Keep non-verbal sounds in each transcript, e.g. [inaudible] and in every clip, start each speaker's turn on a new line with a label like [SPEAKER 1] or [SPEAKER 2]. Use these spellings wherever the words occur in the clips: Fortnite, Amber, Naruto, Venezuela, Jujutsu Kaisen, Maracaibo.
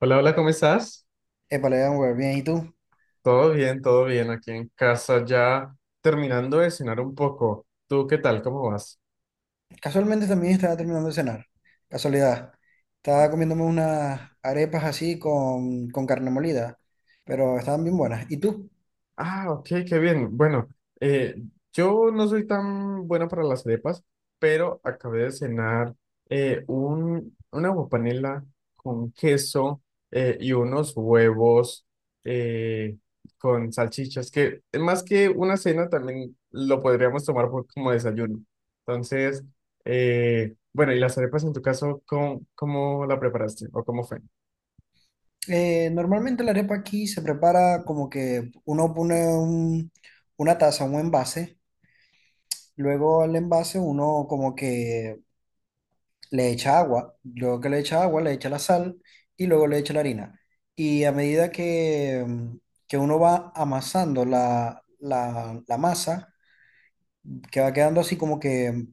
[SPEAKER 1] Hola, hola, ¿cómo estás?
[SPEAKER 2] Épale, Amber, bien. ¿Y tú?
[SPEAKER 1] Todo bien, aquí en casa ya terminando de cenar un poco. ¿Tú qué tal? ¿Cómo vas?
[SPEAKER 2] Casualmente también estaba terminando de cenar. Casualidad. Estaba comiéndome unas arepas así con carne molida, pero estaban bien buenas. ¿Y tú?
[SPEAKER 1] Ah, ok, qué bien. Bueno, eh, yo no soy tan bueno para las arepas, pero acabé de cenar una aguapanela con queso y unos huevos eh, con salchichas, que más que una cena también lo podríamos tomar como desayuno. Entonces, bueno, ¿y las arepas en tu caso, cómo la preparaste o cómo fue?
[SPEAKER 2] Normalmente la arepa aquí se prepara como que uno pone una taza, un envase. Luego al envase uno como que le echa agua. Luego que le echa agua, le echa la sal y luego le echa la harina. Y a medida que uno va amasando la masa, que va quedando así como que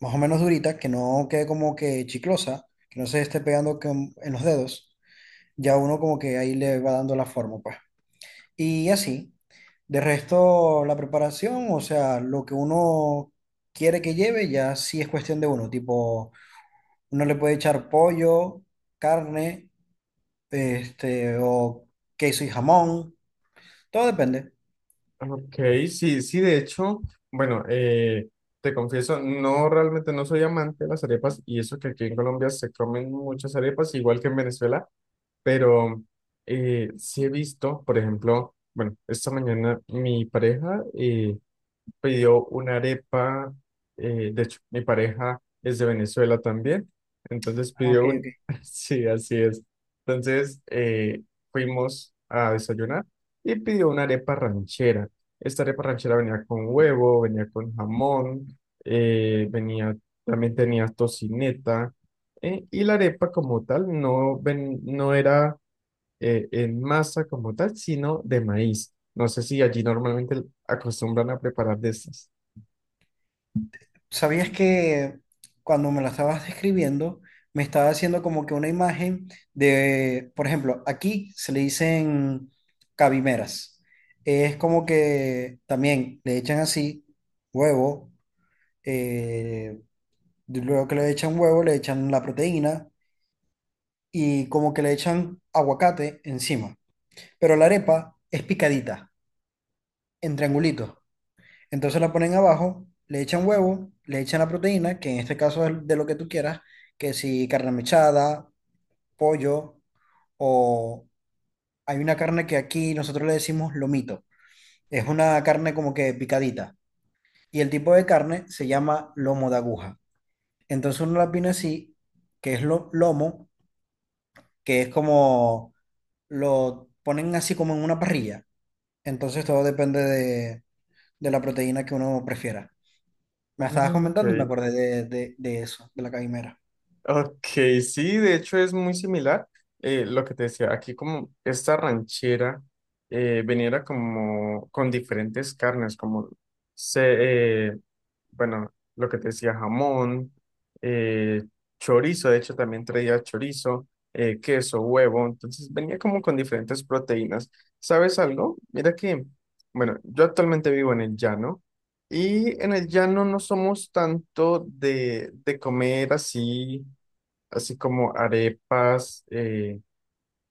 [SPEAKER 2] más o menos durita, que no quede como que chiclosa, que no se esté pegando en los dedos, ya uno como que ahí le va dando la forma, pues. Y así, de resto, la preparación, o sea, lo que uno quiere que lleve, ya sí es cuestión de uno, tipo, uno le puede echar pollo, carne, este, o queso y jamón, todo depende.
[SPEAKER 1] Ok, sí, de hecho, bueno, te confieso, no realmente no soy amante de las arepas y eso que aquí en Colombia se comen muchas arepas, igual que en Venezuela, pero sí he visto, por ejemplo, bueno, esta mañana mi pareja pidió una arepa, de hecho, mi pareja es de Venezuela también, entonces
[SPEAKER 2] Ah, ok,
[SPEAKER 1] pidió
[SPEAKER 2] ok.
[SPEAKER 1] un, [laughs] sí, así es. Entonces fuimos a desayunar y pidió una arepa ranchera. Esta arepa ranchera venía con huevo, venía con jamón, eh, venía, también tenía tocineta, y la arepa como tal no era en masa como tal, sino de maíz. No sé si allí normalmente acostumbran a preparar de estas.
[SPEAKER 2] ¿Sabías que cuando me la estabas describiendo, me estaba haciendo como que una imagen de, por ejemplo, aquí se le dicen cabimeras? Es como que también le echan así huevo, eh, luego que le echan huevo, le echan la proteína y como que le echan aguacate encima. Pero la arepa es picadita, en triangulitos. Entonces la ponen abajo, le echan huevo, le echan la proteína, que en este caso es de lo que tú quieras, que si carne mechada, pollo, o hay una carne que aquí nosotros le decimos lomito. Es una carne como que picadita. Y el tipo de carne se llama lomo de aguja. Entonces uno la pone así, lomo, que es como lo ponen así como en una parrilla. Entonces todo depende de la proteína que uno prefiera.
[SPEAKER 1] Ah,
[SPEAKER 2] Me estabas comentando y me
[SPEAKER 1] ok.
[SPEAKER 2] acordé de eso, de la caimera.
[SPEAKER 1] Ok, sí, de hecho es muy similar lo que te decía. Aquí como esta ranchera venía como con diferentes carnes, se, eh, bueno, lo que te decía, jamón, eh, chorizo, de hecho también traía chorizo, queso, huevo, entonces venía como con diferentes proteínas. ¿Sabes algo? Mira que, bueno, yo actualmente vivo en el llano. Y en el llano no somos tanto de comer así así como arepas,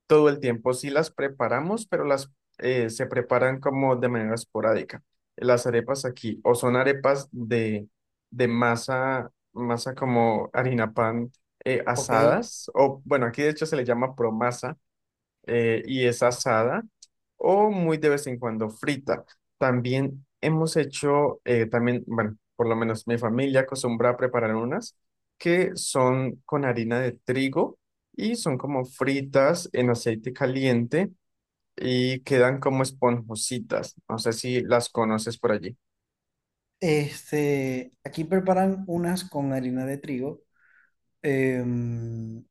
[SPEAKER 1] todo el tiempo sí las preparamos, pero las se preparan como de manera esporádica. Las arepas aquí o son arepas de masa, masa como harina pan
[SPEAKER 2] Ok.
[SPEAKER 1] asadas, o bueno, aquí de hecho se le llama promasa, y es
[SPEAKER 2] Ok.
[SPEAKER 1] asada o muy de vez en cuando frita. También hemos hecho, también, bueno, por lo menos mi familia acostumbra a preparar unas que son con harina de trigo y son como fritas en aceite caliente y quedan como esponjositas. No sé si las conoces por allí.
[SPEAKER 2] Este, aquí preparan unas con harina de trigo, em,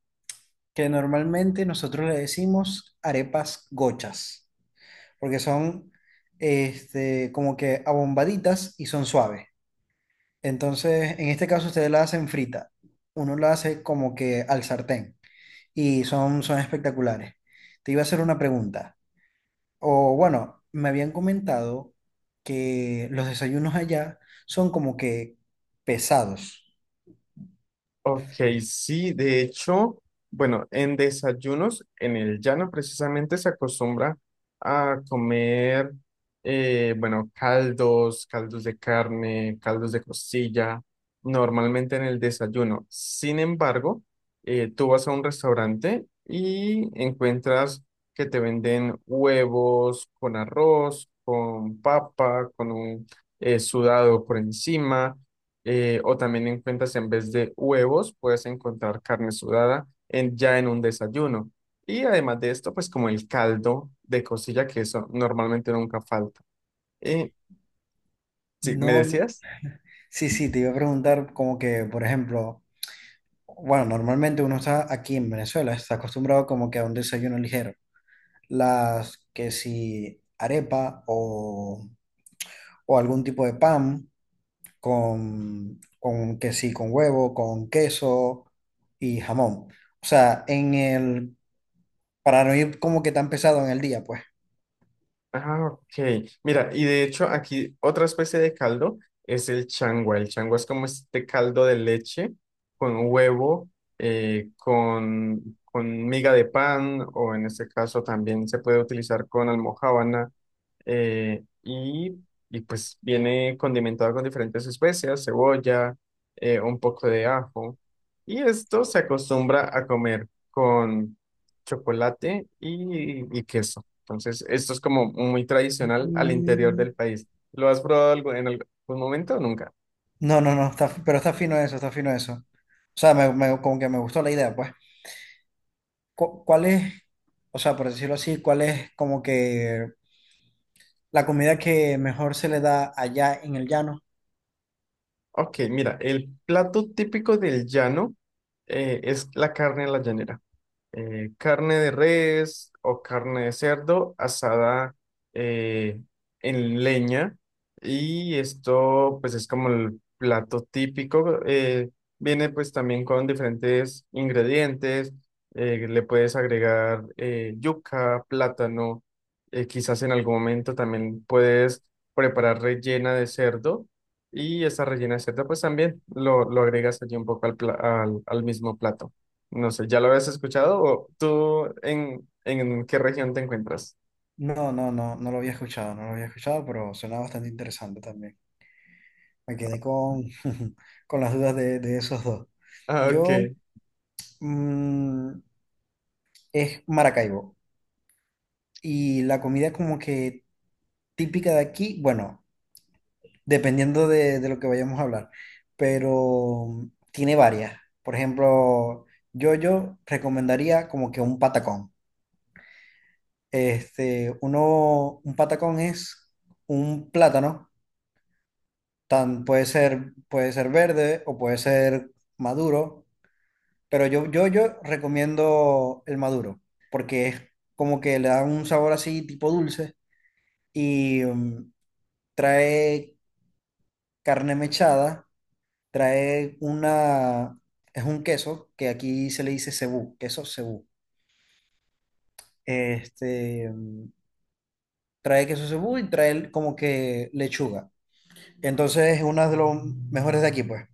[SPEAKER 2] que normalmente nosotros le decimos arepas gochas, porque son este, como que abombaditas y son suaves. Entonces, en este caso ustedes la hacen frita. Uno la hace como que al sartén y son espectaculares. Te iba a hacer una pregunta. O bueno, me habían comentado que los desayunos allá son como que pesados.
[SPEAKER 1] Ok, sí, de hecho, bueno, en desayunos, en el llano precisamente se acostumbra a comer, bueno, caldos, caldos de carne, caldos de costilla, normalmente en el desayuno. Sin embargo, tú vas a un restaurante y encuentras que te venden huevos con arroz, con papa, con un sudado por encima o también encuentras en vez de huevos, puedes encontrar carne sudada ya en un desayuno. Y además de esto, pues como el caldo de costilla, que eso normalmente nunca falta. Eh, sí, ¿me
[SPEAKER 2] No, no-
[SPEAKER 1] decías?
[SPEAKER 2] sí, sí, te iba a preguntar como que, por ejemplo, bueno, normalmente uno está aquí en Venezuela, está acostumbrado como que a un desayuno ligero. Las que si arepa o algún tipo de pan con que sí, con huevo, con queso y jamón. O sea, para no ir como que tan pesado en el día, pues.
[SPEAKER 1] Ah, ok. Mira, y de hecho aquí otra especie de caldo es el changua. El changua es como este caldo de leche con huevo, con miga de pan, o en este caso también se puede utilizar con almojábana eh, y, y pues viene condimentado con diferentes especias, cebolla, un poco de ajo. Y esto se acostumbra a comer con chocolate y queso. Entonces, esto es como muy tradicional al interior
[SPEAKER 2] Mm.
[SPEAKER 1] del país. ¿Lo has probado en algún momento o nunca?
[SPEAKER 2] No, está, pero está fino eso, está fino eso. O sea, como que me gustó la idea, pues. ¿Cuál es, o sea, por decirlo así, cuál es como que la comida que mejor se le da allá en el llano?
[SPEAKER 1] Ok, mira, el plato típico del llano es la carne a la llanera. Carne de res o carne de cerdo asada eh, en leña. Y esto pues es como el plato típico. Viene pues también con diferentes ingredientes. Le puedes agregar yuca, plátano. Quizás en algún momento también puedes preparar rellena de cerdo. Y esa rellena de cerdo pues también lo agregas allí un poco al al mismo plato. No sé, ¿ya lo habías escuchado? ¿O tú en qué región te encuentras?
[SPEAKER 2] No, no, no, no lo había escuchado, no lo había escuchado, pero suena bastante interesante también. Me quedé con, [laughs] con las dudas de esos dos.
[SPEAKER 1] Ah, ok.
[SPEAKER 2] Yo, mm, es Maracaibo. Y la comida como que típica de aquí, bueno, dependiendo de lo que vayamos a hablar, pero tiene varias. Por ejemplo, yo recomendaría como que un patacón. Este, un patacón es un plátano, tan, puede ser verde o puede ser maduro, pero yo recomiendo el maduro, porque es como que le da un sabor así tipo dulce y mm, trae carne mechada. Trae una, es un queso que aquí se le dice cebú, queso cebú. Este, mm, trae queso cebú y trae como que lechuga. Entonces es uno de los mejores de aquí, pues.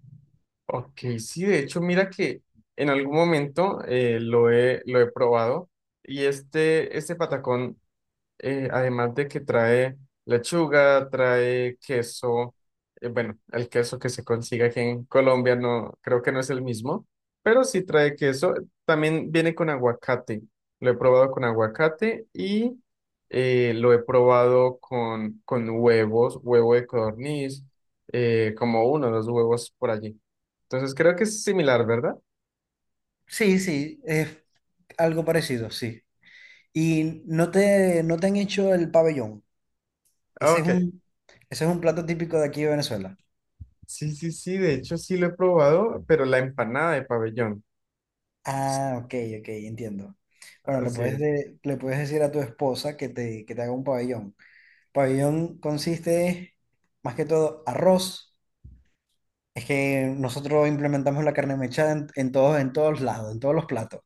[SPEAKER 1] Ok, sí, de hecho, mira que en algún momento lo he probado y este patacón además de que trae lechuga, trae queso, bueno, el queso que se consigue aquí en Colombia no, creo que no es el mismo, pero sí trae queso. También viene con aguacate. Lo he probado con aguacate y lo he probado con huevos, huevo de codorniz, como uno o dos huevos por allí. Entonces creo que es similar, ¿verdad?
[SPEAKER 2] Sí, sí, es algo parecido, sí. Y no te han hecho el pabellón.
[SPEAKER 1] Ah,
[SPEAKER 2] Ese es
[SPEAKER 1] ok,
[SPEAKER 2] un, ese es un plato típico de aquí de Venezuela.
[SPEAKER 1] sí, de hecho sí lo he probado, pero la empanada de pabellón.
[SPEAKER 2] Ah, ok, ok, entiendo. Bueno,
[SPEAKER 1] Así es.
[SPEAKER 2] le puedes decir a tu esposa que te haga un pabellón. Pabellón consiste más que todo arroz. Es que nosotros implementamos la carne mechada en en todos lados, en todos los platos.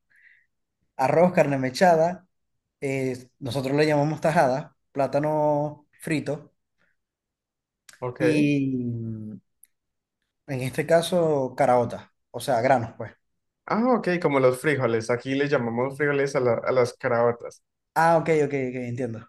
[SPEAKER 2] Arroz, carne mechada, nosotros le llamamos tajada, plátano frito
[SPEAKER 1] Ok.
[SPEAKER 2] y en este caso caraota, o sea, granos, pues.
[SPEAKER 1] Ah, ok, como los frijoles. Aquí le llamamos frijoles a las caraotas.
[SPEAKER 2] Ah, ok, ok, ok, entiendo.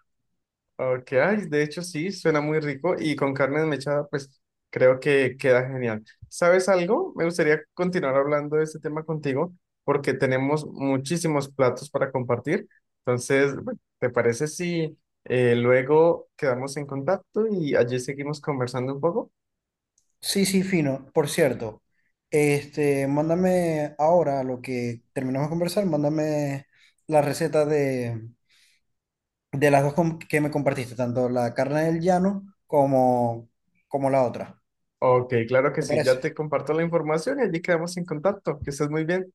[SPEAKER 1] Ok, ay, de hecho sí, suena muy rico y con carne mechada, pues creo que queda genial. ¿Sabes algo? Me gustaría continuar hablando de este tema contigo porque tenemos muchísimos platos para compartir. Entonces, bueno, ¿te parece si luego quedamos en contacto y allí seguimos conversando un poco?
[SPEAKER 2] Sí, sí, fino. Por cierto, este, mándame ahora lo que terminamos de conversar, mándame la receta de que me compartiste, tanto la carne del llano como, como la otra.
[SPEAKER 1] Ok, claro que
[SPEAKER 2] ¿Te
[SPEAKER 1] sí,
[SPEAKER 2] parece?
[SPEAKER 1] ya te comparto la información y allí quedamos en contacto. Que estés muy bien.